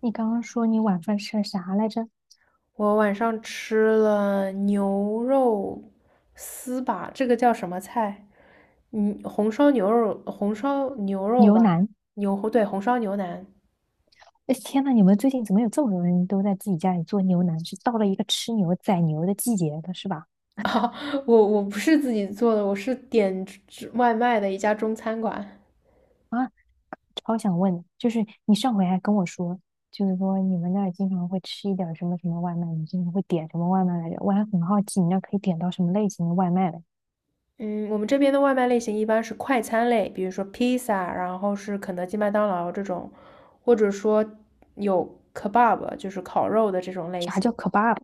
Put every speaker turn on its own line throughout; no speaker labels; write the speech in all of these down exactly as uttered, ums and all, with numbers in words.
你刚刚说你晚饭吃了啥来着？
我晚上吃了牛肉丝吧，这个叫什么菜？嗯，红烧牛肉，红烧牛肉
牛
吧，
腩。
牛，对，红烧牛腩。
哎，天呐，你们最近怎么有这么多人都在自己家里做牛腩？是到了一个吃牛宰牛的季节了，是吧？
啊，我我不是自己做的，我是点吃外卖的一家中餐馆。
啊，超想问，就是你上回还跟我说，就是说你们那儿经常会吃一点儿什么什么外卖，你经常会点什么外卖来着？我还很好奇，你那儿可以点到什么类型的外卖嘞？
嗯，我们这边的外卖类型一般是快餐类，比如说披萨，然后是肯德基、麦当劳这种，或者说有 kebab，就是烤肉的这种类
啥叫
型。
kebab？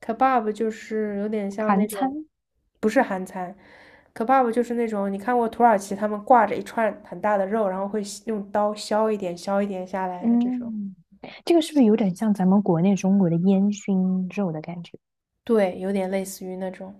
kebab 就是有点像那
韩
种，
餐？
不是韩餐，kebab 就是那种你看过土耳其他们挂着一串很大的肉，然后会削用刀削一点削一点下来的这种，
嗯，这个是不是有点像咱们国内中国的烟熏肉的感觉？
对，有点类似于那种。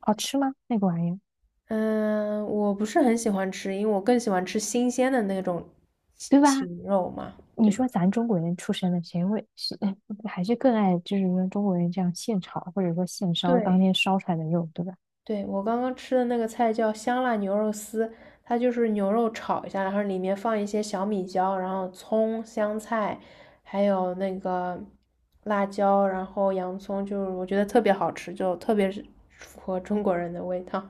好吃吗？那个玩意儿，
嗯，我不是很喜欢吃，因为我更喜欢吃新鲜的那种禽
对吧？
禽肉嘛，
你
对吧？
说咱中国人出身的，谁会是还是更爱就是说中国人这样现炒或者说现烧当
对。
天烧出来的肉，对吧？
对，我刚刚吃的那个菜叫香辣牛肉丝，它就是牛肉炒一下，然后里面放一些小米椒，然后葱、香菜，还有那个辣椒，然后洋葱，就是我觉得特别好吃，就特别是符合中国人的味道。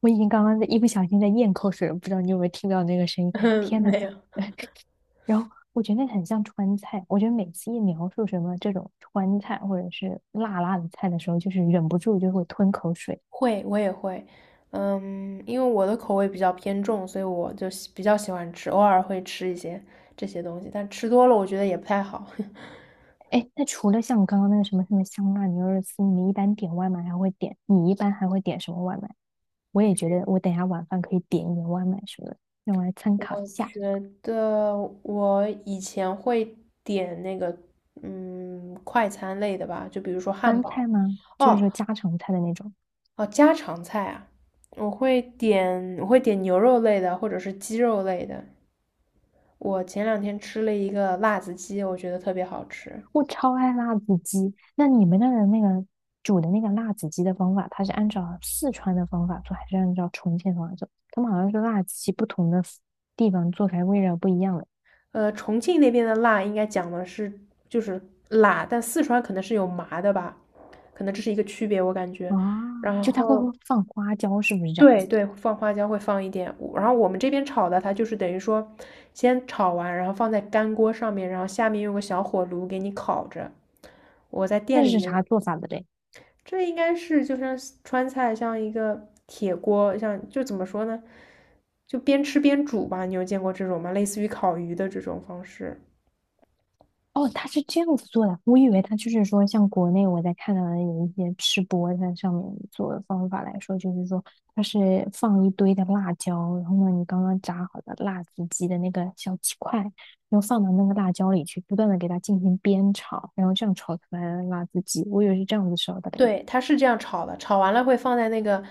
我已经刚刚在一不小心在咽口水了，不知道你有没有听到那个声 音？
嗯
天呐，
没有，
然后我觉得那很像川菜，我觉得每次一描述什么这种川菜或者是辣辣的菜的时候，就是忍不住就会吞口水。
会，我也会。嗯，因为我的口味比较偏重，所以我就喜比较喜欢吃，偶尔会吃一些这些东西，但吃多了我觉得也不太好。
哎，那除了像刚刚那个什么什么香辣牛肉丝，你一般点外卖还会点？你一般还会点什么外卖？我也觉得我等一下晚饭可以点一点外卖什么的，让我来参考一
我
下。
觉得我以前会点那个，嗯，快餐类的吧，就比如说汉
川
堡。
菜吗？就是
哦
说家常菜的那种，
哦，家常菜啊，我会点我会点牛肉类的或者是鸡肉类的。我前两天吃了一个辣子鸡，我觉得特别好吃。
我超爱辣子鸡。那你们那儿的那个煮的那个辣子鸡的方法，它是按照四川的方法做，还是按照重庆的方法做？他们好像是辣子鸡不同的地方做出来味道不一样的。
呃，重庆那边的辣应该讲的是就是辣，但四川可能是有麻的吧，可能这是一个区别，我感觉。
哦，
然
就它会会
后
放花椒，是不是这样？
对对，放花椒会放一点，我然后我们这边炒的它就是等于说，先炒完，然后放在干锅上面，然后下面用个小火炉给你烤着。我在店
那
里
是
面，
啥做法的嘞？
这应该是就像川菜，像一个铁锅，像就怎么说呢，就边吃边煮吧。你有见过这种吗？类似于烤鱼的这种方式。
哦，他是这样子做的，我以为他就是说，像国内我在看到的有一些吃播在上面做的方法来说，就是说它是放一堆的辣椒，然后呢，你刚刚炸好的辣子鸡的那个小鸡块，然后放到那个辣椒里去，不断的给它进行煸炒，然后这样炒出来的辣子鸡，我以为是这样子烧的嘞。
对，它是这样炒的，炒完了会放在那个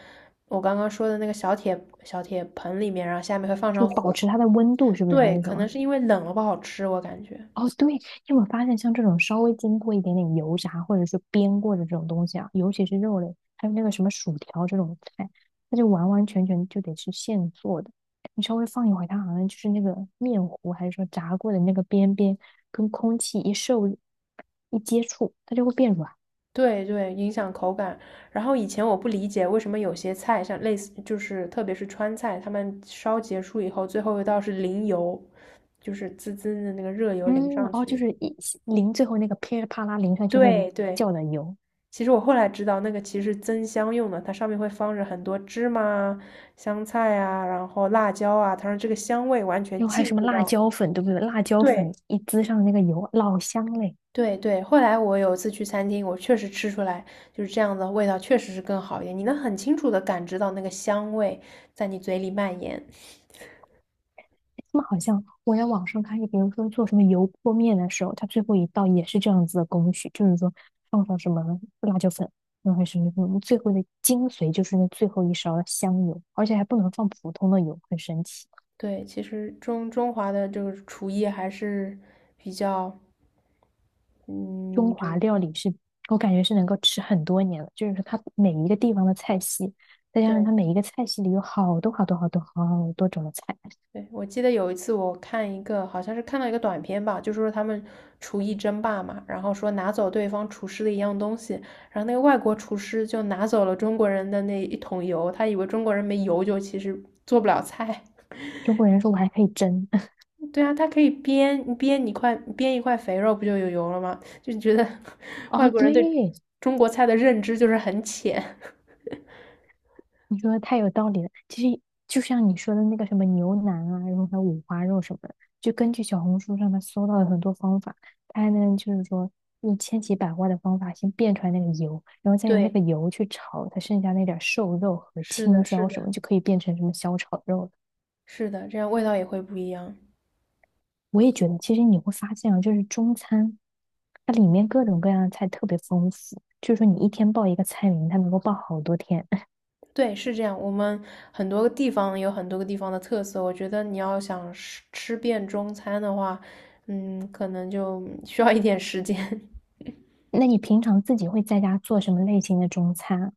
我刚刚说的那个小铁小铁盆里面，然后下面会放
就
上
保
火。
持它的温度，是不是还
对，
是什
可能
么？
是因为冷了不好吃，我感觉。
哦，对，你有没有发现，像这种稍微经过一点点油炸或者是煸过的这种东西啊，尤其是肉类，还有那个什么薯条这种菜，它就完完全全就得是现做的。你稍微放一会儿，它好像就是那个面糊还是说炸过的那个边边跟空气一受一接触，它就会变软。
对对，影响口感。然后以前我不理解为什么有些菜，像类似就是特别是川菜，他们烧结束以后，最后一道是淋油，就是滋滋的那个热油淋
嗯，
上
哦，就
去。
是一淋最后那个噼里啪啦淋上去会
对对，
叫的油，
其实我后来知道那个其实是增香用的，它上面会放着很多芝麻啊香菜啊，然后辣椒啊，它让这个香味完全
然后还有
进
什么
入
辣
到，
椒粉，对不对？辣椒粉
对
一滋上那个油，老香嘞。
对对，后来我有一次去餐厅，我确实吃出来就是这样的味道，确实是更好一点。你能很清楚的感知到那个香味在你嘴里蔓延。
他们好像我在网上看，就比如说做什么油泼面的时候，它最后一道也是这样子的工序，就是说放上什么辣椒粉，然后什么什么，最后的精髓就是那最后一勺的香油，而且还不能放普通的油，很神奇。
对，其实中中华的这个厨艺还是比较，
中
嗯，就
华
是
料理是我感觉是能够吃很多年的，就是它每一个地方的菜系，再加上
对
它每一个菜系里有好多好多好多好多种的菜。
对。我记得有一次我看一个，好像是看到一个短片吧，就说他们厨艺争霸嘛，然后说拿走对方厨师的一样东西，然后那个外国厨师就拿走了中国人的那一桶油，他以为中国人没油就其实做不了菜。
中国人说我还可以蒸，
对啊，它可以煸煸一块煸一块肥肉，不就有油了吗？就觉得 外
哦，
国人对
对，
中国菜的认知就是很浅。
你说的太有道理了。其实就像你说的那个什么牛腩啊，然后还有五花肉什么的，就根据小红书上面搜到的很多方法，它能就是说用千奇百怪的方法先变出来那个油，然后 再用那
对，
个油去炒它剩下那点儿瘦肉和
是的，
青
是
椒什
的，
么，就可以变成什么小炒肉了。
是的，这样味道也会不一样。
我也觉得，其实你会发现啊，就是中餐，它里面各种各样的菜特别丰富，就是说你一天报一个菜名，它能够报好多天。
对，是这样。我们很多个地方有很多个地方的特色，我觉得你要想吃吃遍中餐的话，嗯，可能就 需要一点时间。
那你平常自己会在家做什么类型的中餐啊？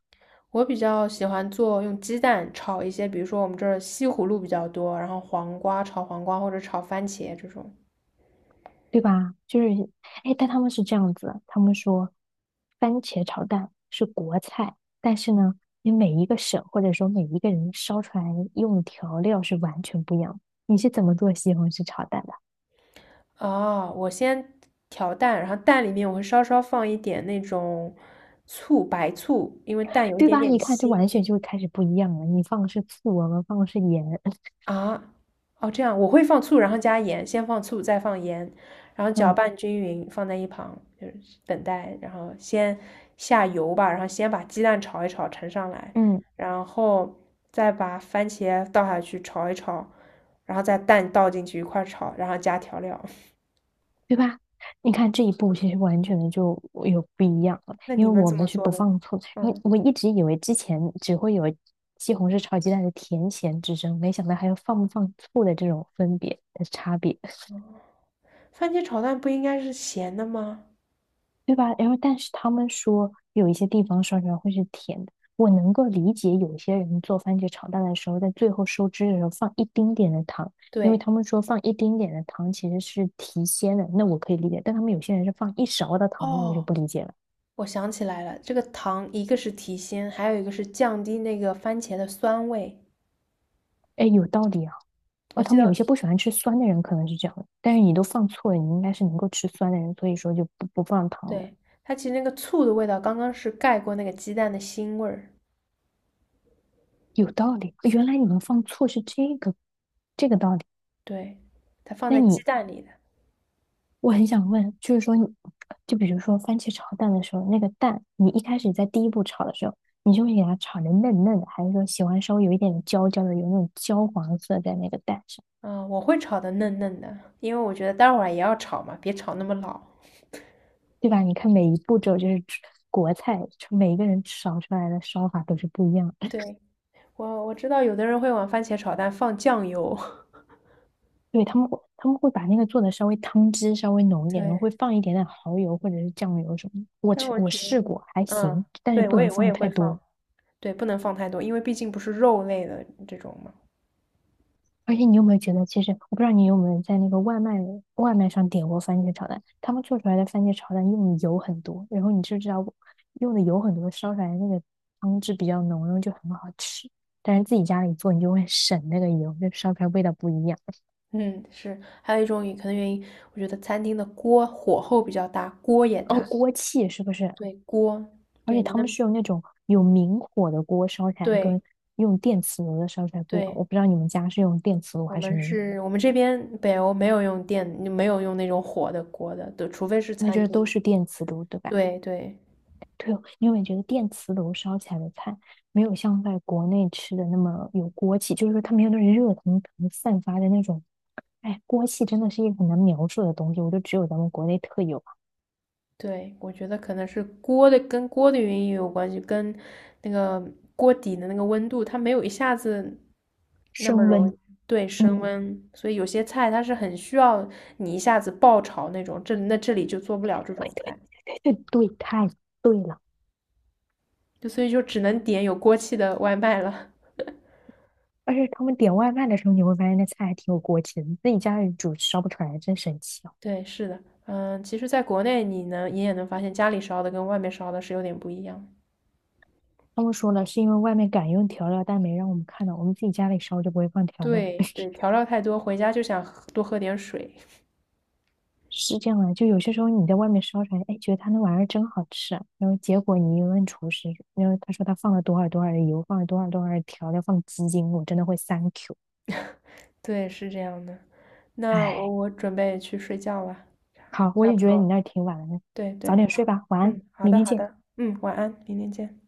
我比较喜欢做用鸡蛋炒一些，比如说我们这儿西葫芦比较多，然后黄瓜炒黄瓜或者炒番茄这种。
对吧？就是，哎，但他们是这样子，他们说番茄炒蛋是国菜，但是呢，你每一个省或者说每一个人烧出来用的调料是完全不一样的。你是怎么做西红柿炒蛋的？
哦，我先调蛋，然后蛋里面我会稍稍放一点那种醋，白醋，因为蛋有一
对
点
吧？
点
你看，这
腥
完全就开始不一样了。你放的是醋，我们放的是盐。
啊。哦，这样我会放醋，然后加盐，先放醋，再放盐，然后搅
嗯
拌均匀，放在一旁，就是等待。然后先下油吧，然后先把鸡蛋炒一炒，盛上来，
嗯，
然后再把番茄倒下去炒一炒，然后再蛋倒进去一块儿炒，然后加调料。
对吧？你看这一步其实完全的就有不一样了，
那
因
你
为
们
我
怎
们
么
是
做
不
的？
放醋。然后
嗯。
我一直以为之前只会有西红柿炒鸡蛋的甜咸之争，没想到还有放不放醋的这种分别的差别，
番茄炒蛋不应该是咸的吗？
对吧？然后但是他们说有一些地方烧出来会是甜的，我能够理解有些人做番茄炒蛋的时候，在最后收汁的时候放一丁点的糖，因为
对，
他们说放一丁点的糖其实是提鲜的，那我可以理解。但他们有些人是放一勺的糖，那我就
哦，
不理解了。
我想起来了，这个糖一个是提鲜，还有一个是降低那个番茄的酸味。
哎，有道理啊。哦，
我
他
记
们有一
得，
些不喜欢吃酸的人可能是这样的，但是你都放错了，你应该是能够吃酸的人，所以说就不不放糖了。
对，它其实那个醋的味道刚刚是盖过那个鸡蛋的腥味儿，
有道理，哦原来你们放错是这个这个道理。
对，它放
那
在鸡
你，
蛋里的。
我很想问，就是说你就比如说番茄炒蛋的时候，那个蛋，你一开始在第一步炒的时候，你就会给它炒的嫩嫩的，还是说喜欢稍微有一点焦焦的，有那种焦黄色在那个蛋上，
嗯，我会炒的嫩嫩的，因为我觉得待会儿也要炒嘛，别炒那么老。
对吧？你看每一步骤就是吃国菜，每一个人炒出来的烧法都是不一样的。
对，我我知道有的人会往番茄炒蛋放酱油，
对，他们会他们会把那个做的稍微汤汁稍微浓一 点，然后
对，
会放一点点蚝油或者是酱油什么的。我
但
吃
我
我
觉
试
得，
过，还
嗯，
行，但是
对，
不
我
能
也我
放
也会
太多。
放。对，不能放太多，因为毕竟不是肉类的这种嘛。
而且你有没有觉得，其实我不知道你有没有在那个外卖外卖上点过番茄炒蛋，他们做出来的番茄炒蛋用的油很多，然后你就知道用的油很多，烧出来的那个汤汁比较浓，然后就很好吃。但是自己家里做，你就会 省那个油，就烧出来味道不一样。
嗯，是，还有一种也可能原因，我觉得餐厅的锅火候比较大，锅也
哦，
大。
锅气是不是？
对，锅，
而
对，
且
你
他
那，
们是用那种有明火的锅烧起来，跟
对
用电磁炉的烧出来不一样。
对，
我不知道你们家是用电磁炉
我
还是
们
明火？
是，我们这边北欧没有用电，没有用那种火的锅的，对，除非是
那就
餐
是都
厅。
是电磁炉，对吧？
对对。
对哦，你有没有觉得电磁炉烧起来的菜没有像在国内吃的那么有锅气？就是说它没有那种热腾腾散发的那种，哎，锅气真的是一个很难描述的东西，我就只有咱们国内特有
对，我觉得可能是锅的跟锅的原因也有关系，跟那个锅底的那个温度，它没有一下子那么
升
容
温。
易对升
嗯，
温，所以有些菜它是很需要你一下子爆炒那种，这那这里就做不了这种菜，
对对，太对了。
就所以就只能点有锅气的外卖了。
而且他们点外卖的时候，你会发现那菜还挺有锅气的，你自己家里煮烧不出来，真神奇。
对，是的，嗯，其实在国内你能你也能发现家里烧的跟外面烧的是有点不一样。
他们说了，是因为外面敢用调料，但没让我们看到，我们自己家里烧就不会放调料，
对对，调料太多，回家就想喝多喝点水。
是这样的。就有些时候你在外面烧出来，哎，觉得他那玩意儿真好吃啊，然后结果你一问厨师，然后他说他放了多少多少的油，放了多少多少的调料，放鸡精，我真的会 thank you。
对，是这样的。那我
哎，
我准备去睡觉了，
好，我
差
也
不
觉得你
多。
那儿挺晚了，呢，
对
早
对，
点睡吧，晚安，
嗯，好
明
的
天
好
见。
的，嗯，晚安，明天见。